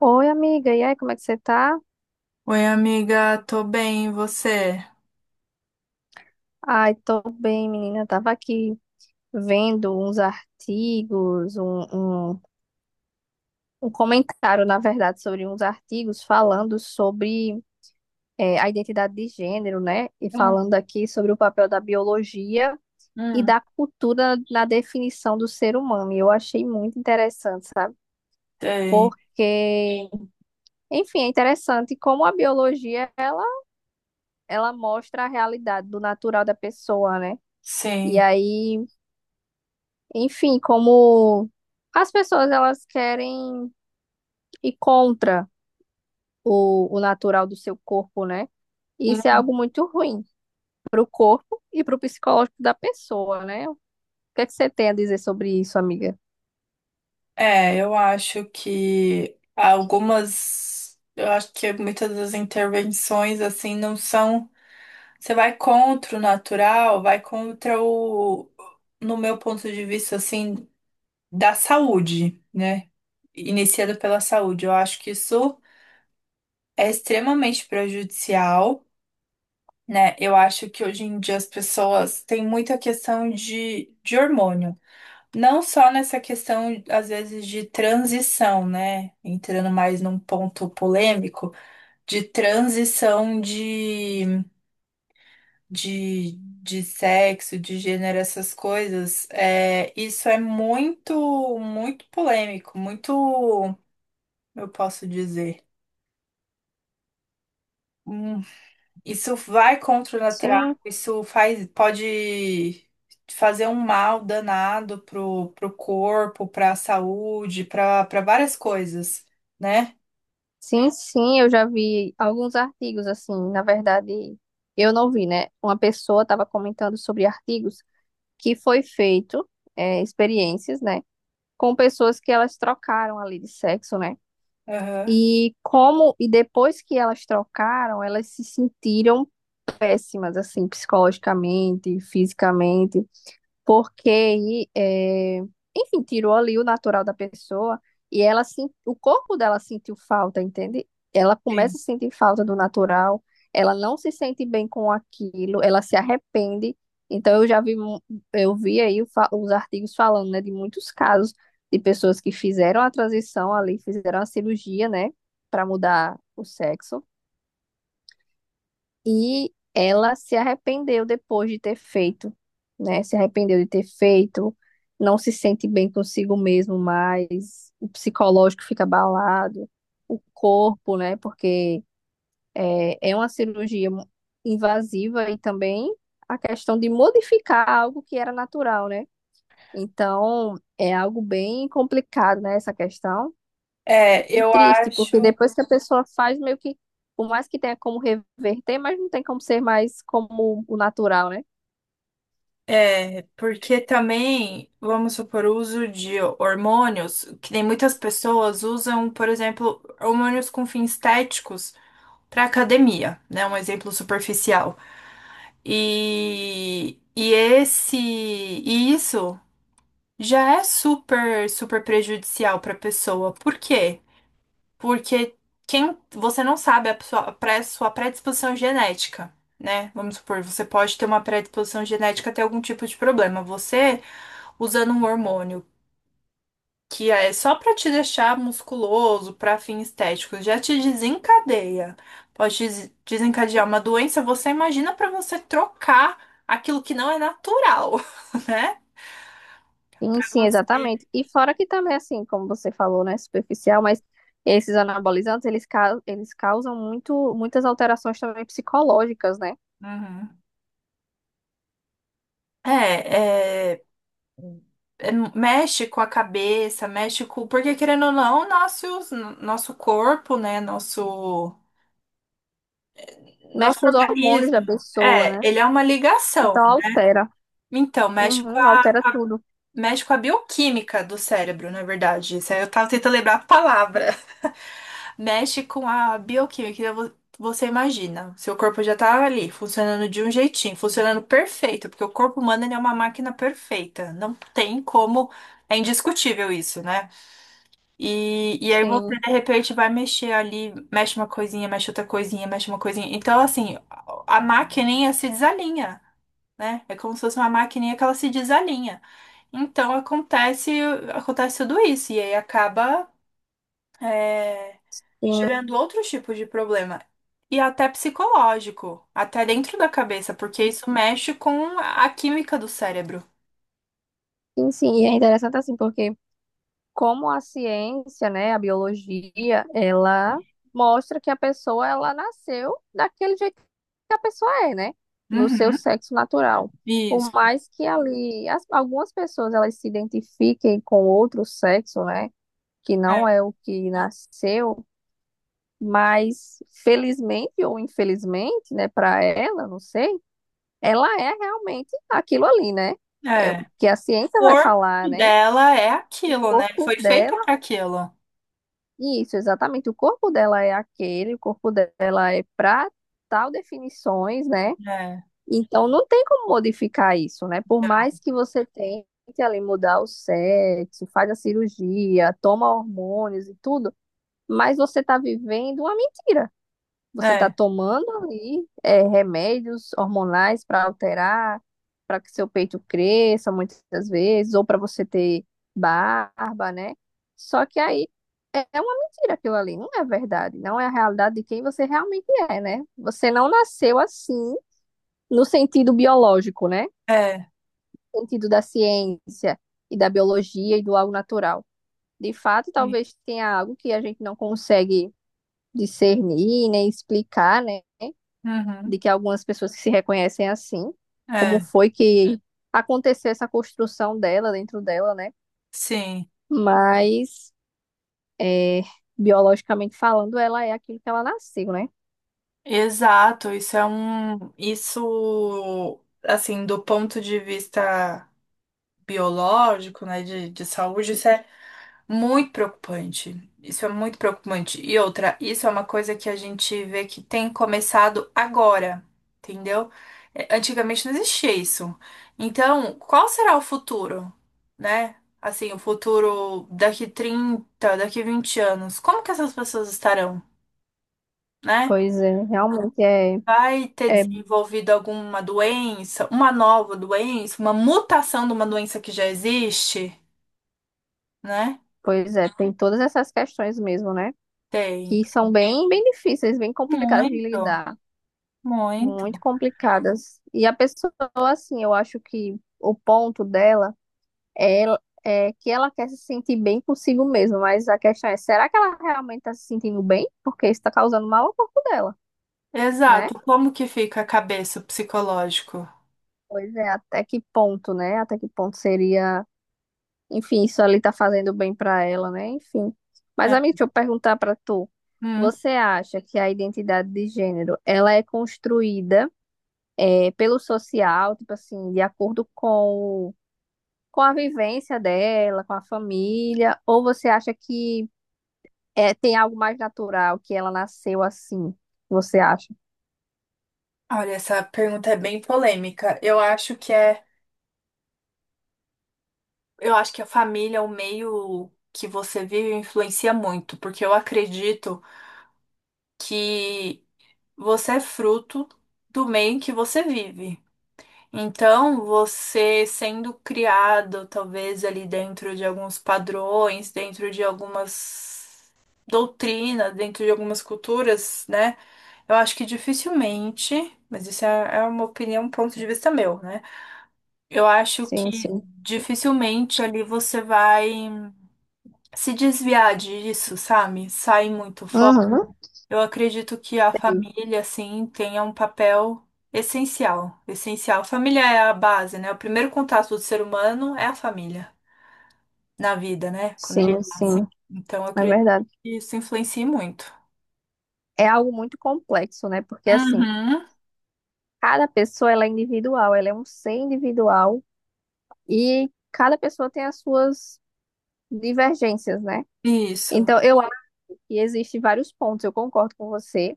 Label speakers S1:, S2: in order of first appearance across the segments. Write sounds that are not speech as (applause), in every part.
S1: Oi, amiga. E aí, como é que você tá?
S2: Oi, amiga, tô bem, e você?
S1: Ai, tô bem, menina. Tava aqui vendo uns artigos, um, um comentário, na verdade, sobre uns artigos falando sobre a identidade de gênero, né? E falando aqui sobre o papel da biologia e da cultura na definição do ser humano. E eu achei muito interessante, sabe?
S2: Tem,
S1: Porque, enfim, é interessante como a biologia, ela mostra a realidade do natural da pessoa, né? E
S2: sim.
S1: aí, enfim, como as pessoas elas querem ir contra o natural do seu corpo, né? Isso é algo
S2: Hum.
S1: muito ruim para o corpo e para o psicológico da pessoa, né? O que é que você tem a dizer sobre isso, amiga?
S2: É, eu acho que algumas, eu acho que muitas das intervenções assim não são, você vai contra o natural, vai contra no meu ponto de vista assim, da saúde, né? Iniciado pela saúde. Eu acho que isso é extremamente prejudicial, né? Eu acho que hoje em dia as pessoas têm muita questão de hormônio. Não só nessa questão, às vezes, de transição, né? Entrando mais num ponto polêmico, de transição de, de, de sexo, de gênero, essas coisas. É, isso é muito, muito polêmico, muito, eu posso dizer. um Isso vai contra o natural,
S1: Sim,
S2: isso faz, pode fazer um mal danado pro corpo, pra saúde, pra várias coisas, né?
S1: sim, sim, eu já vi alguns artigos assim, na verdade, eu não vi, né? Uma pessoa estava comentando sobre artigos que foi feito, é, experiências, né? Com pessoas que elas trocaram ali de sexo, né?
S2: Aham.
S1: E como, e depois que elas trocaram, elas se sentiram péssimas, assim, psicologicamente, fisicamente porque, é, enfim, tirou ali o natural da pessoa e o corpo dela sentiu falta, entende? Ela começa
S2: Sim.
S1: a sentir falta do natural, ela não se sente bem com aquilo, ela se arrepende. Então eu vi aí os artigos falando, né, de muitos casos de pessoas que fizeram a transição ali, fizeram a cirurgia, né, para mudar o sexo e ela se arrependeu depois de ter feito, né? Se arrependeu de ter feito, não se sente bem consigo mesmo mais, o psicológico fica abalado, o corpo, né? Porque é uma cirurgia invasiva e também a questão de modificar algo que era natural, né? Então, é algo bem complicado, né? Essa questão.
S2: É,
S1: E
S2: eu
S1: triste, porque
S2: acho.
S1: depois que a pessoa faz, meio que, por mais que tenha como reverter, mas não tem como ser mais como o natural, né?
S2: É, porque também, vamos supor, o uso de hormônios, que nem muitas pessoas usam, por exemplo, hormônios com fins estéticos para academia, né? Um exemplo superficial. E esse, e isso. Já é super, super prejudicial para a pessoa. Por quê? Porque quem você não sabe a sua, sua predisposição genética, né? Vamos supor, você pode ter uma predisposição genética a ter algum tipo de problema. Você usando um hormônio que é só para te deixar musculoso, para fins estéticos, já te desencadeia. Pode desencadear uma doença. Você imagina para você trocar aquilo que não é natural, (laughs) né?
S1: Sim, sim, exatamente.
S2: Você
S1: E fora que também, assim, como você falou, né, superficial, mas esses anabolizantes, eles causam muito, muitas alterações também psicológicas, né?
S2: Uhum. É, mexe com a cabeça, mexe com. Porque, querendo ou não, nosso corpo, né?
S1: Mexe
S2: Nosso
S1: com os hormônios da
S2: organismo.
S1: pessoa,
S2: É,
S1: né?
S2: ele é uma ligação.
S1: Então altera.
S2: Então,
S1: Uhum, altera tudo.
S2: mexe com a bioquímica do cérebro, na verdade. Isso aí eu tava tentando lembrar a palavra. (laughs) Mexe com a bioquímica. Você imagina, seu corpo já tá ali, funcionando de um jeitinho, funcionando perfeito, porque o corpo humano ele é uma máquina perfeita. Não tem como. É indiscutível isso, né? E aí você
S1: Sim,
S2: de repente vai mexer ali, mexe uma coisinha, mexe outra coisinha, mexe uma coisinha. Então, assim, a maquininha se desalinha, né? É como se fosse uma maquininha que ela se desalinha. Então acontece tudo isso, e aí acaba é,
S1: sim,
S2: gerando outros tipos de problema. E até psicológico, até dentro da cabeça, porque isso mexe com a química do cérebro.
S1: sim, sim. E é interessante assim, porque como a ciência, né, a biologia, ela mostra que a pessoa ela nasceu daquele jeito que a pessoa é, né, no seu
S2: Uhum.
S1: sexo natural. Por
S2: Isso.
S1: mais que ali algumas pessoas elas se identifiquem com outro sexo, né, que não é
S2: É.
S1: o que nasceu, mas felizmente ou infelizmente, né, para ela, não sei, ela é realmente aquilo ali, né? É o
S2: É.
S1: que a ciência
S2: O
S1: vai
S2: corpo
S1: falar, né?
S2: dela é
S1: O
S2: aquilo, né?
S1: corpo
S2: Foi feita
S1: dela
S2: para aquilo.
S1: Isso, exatamente. O corpo dela é aquele, o corpo dela é para tal definições, né?
S2: É,
S1: Então não tem como modificar isso, né? Por mais que você tente ali mudar o sexo, faz a cirurgia, toma hormônios e tudo, mas você está vivendo uma mentira. Você está
S2: é,
S1: tomando aí é, remédios hormonais para alterar, para que seu peito cresça muitas vezes, ou para você ter barba, né? Só que aí é uma mentira aquilo ali, não é verdade, não é a realidade de quem você realmente é, né? Você não nasceu assim no sentido biológico, né?
S2: é.
S1: No sentido da ciência e da biologia e do algo natural. De fato,
S2: Sim.
S1: talvez tenha algo que a gente não consegue discernir, nem explicar, né? De
S2: Uhum,
S1: que algumas pessoas que se reconhecem assim, como
S2: é,
S1: foi que aconteceu essa construção dela dentro dela, né?
S2: sim.
S1: Mas, é, biologicamente falando, ela é aquilo que ela nasceu, né?
S2: Exato. Isso é um. Isso, assim, do ponto de vista biológico, né, de saúde, isso é muito preocupante. Isso é muito preocupante. E outra, isso é uma coisa que a gente vê que tem começado agora, entendeu? Antigamente não existia isso. Então, qual será o futuro, né? Assim, o futuro daqui 30, daqui 20 anos, como que essas pessoas estarão, né?
S1: Pois é, realmente é,
S2: Vai ter
S1: é,
S2: desenvolvido alguma doença, uma nova doença, uma mutação de uma doença que já existe, né?
S1: pois é, tem todas essas questões mesmo, né?
S2: Tem.
S1: Que são bem, bem difíceis, bem complicadas de
S2: Muito,
S1: lidar, muito
S2: muito.
S1: complicadas. E a pessoa, assim, eu acho que o ponto dela ela, é, que ela quer se sentir bem consigo mesma, mas a questão é, será que ela realmente está se sentindo bem? Porque isso está causando mal ao corpo dela, né?
S2: Exato. Como que fica a cabeça o psicológico?
S1: Pois é, até que ponto, né? Até que ponto seria, enfim, isso ali tá fazendo bem para ela, né? Enfim. Mas,
S2: É.
S1: amigo, deixa eu perguntar para tu.
S2: Hum.
S1: Você acha que a identidade de gênero, ela é construída é, pelo social, tipo assim, de acordo com a vivência dela, com a família, ou você acha que é, tem algo mais natural que ela nasceu assim, você acha?
S2: Olha, essa pergunta é bem polêmica. Eu acho eu acho que a família, é o meio que você vive, influencia muito, porque eu acredito que você é fruto do meio em que você vive. Então, você sendo criado, talvez ali dentro de alguns padrões, dentro de algumas doutrinas, dentro de algumas culturas, né? Eu acho que dificilmente, mas isso é uma opinião, um ponto de vista meu, né? Eu acho
S1: Sim,
S2: que
S1: sim.
S2: dificilmente ali você vai se desviar disso, sabe? Sai muito
S1: Uhum.
S2: eu acredito que a
S1: Entendi.
S2: família, assim, tenha um papel essencial, essencial. Família é a base, né? O primeiro contato do ser humano é a família, na vida, né? Quando ele
S1: Sim,
S2: nasce.
S1: sim,
S2: Então, eu
S1: é
S2: acredito
S1: verdade.
S2: que isso influencia muito.
S1: É algo muito complexo, né? Porque assim,
S2: Uhum.
S1: cada pessoa ela é individual, ela é um ser individual e cada pessoa tem as suas divergências, né?
S2: Isso.
S1: Então, eu acho que existe vários pontos, eu concordo com você,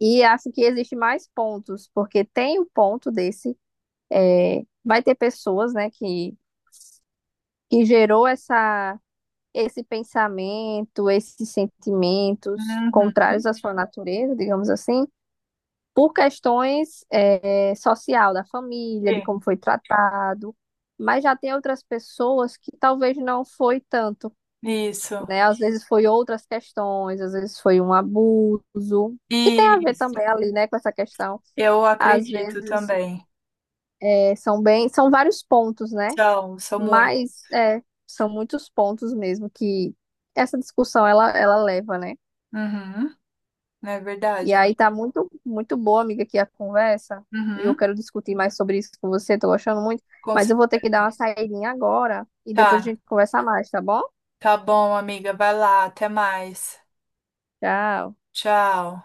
S1: e acho que existe mais pontos, porque tem o ponto desse, é, vai ter pessoas, né, que gerou essa esse pensamento, esses sentimentos
S2: Uhum.
S1: contrários à sua natureza, digamos assim, por questões é, social da família, de como
S2: Sim.
S1: foi tratado, mas já tem outras pessoas que talvez não foi tanto,
S2: Isso.
S1: né? Às vezes foi outras questões, às vezes foi um abuso, que tem a ver
S2: Isso.
S1: também ali, né, com essa questão.
S2: Eu
S1: Às
S2: acredito
S1: vezes
S2: também.
S1: é, são bem, são vários pontos, né?
S2: São, são muito.
S1: Mas é, são muitos pontos mesmo que essa discussão ela leva, né?
S2: Uhum. É verdade,
S1: E
S2: né?
S1: aí tá muito, muito boa, amiga, aqui a conversa. E eu
S2: Uhum.
S1: quero discutir mais sobre isso com você, tô gostando muito.
S2: Com
S1: Mas
S2: cer-
S1: eu vou ter que dar uma saidinha agora e depois a
S2: Tá.
S1: gente conversa mais, tá bom?
S2: Tá bom, amiga. Vai lá. Até mais.
S1: Tchau.
S2: Tchau.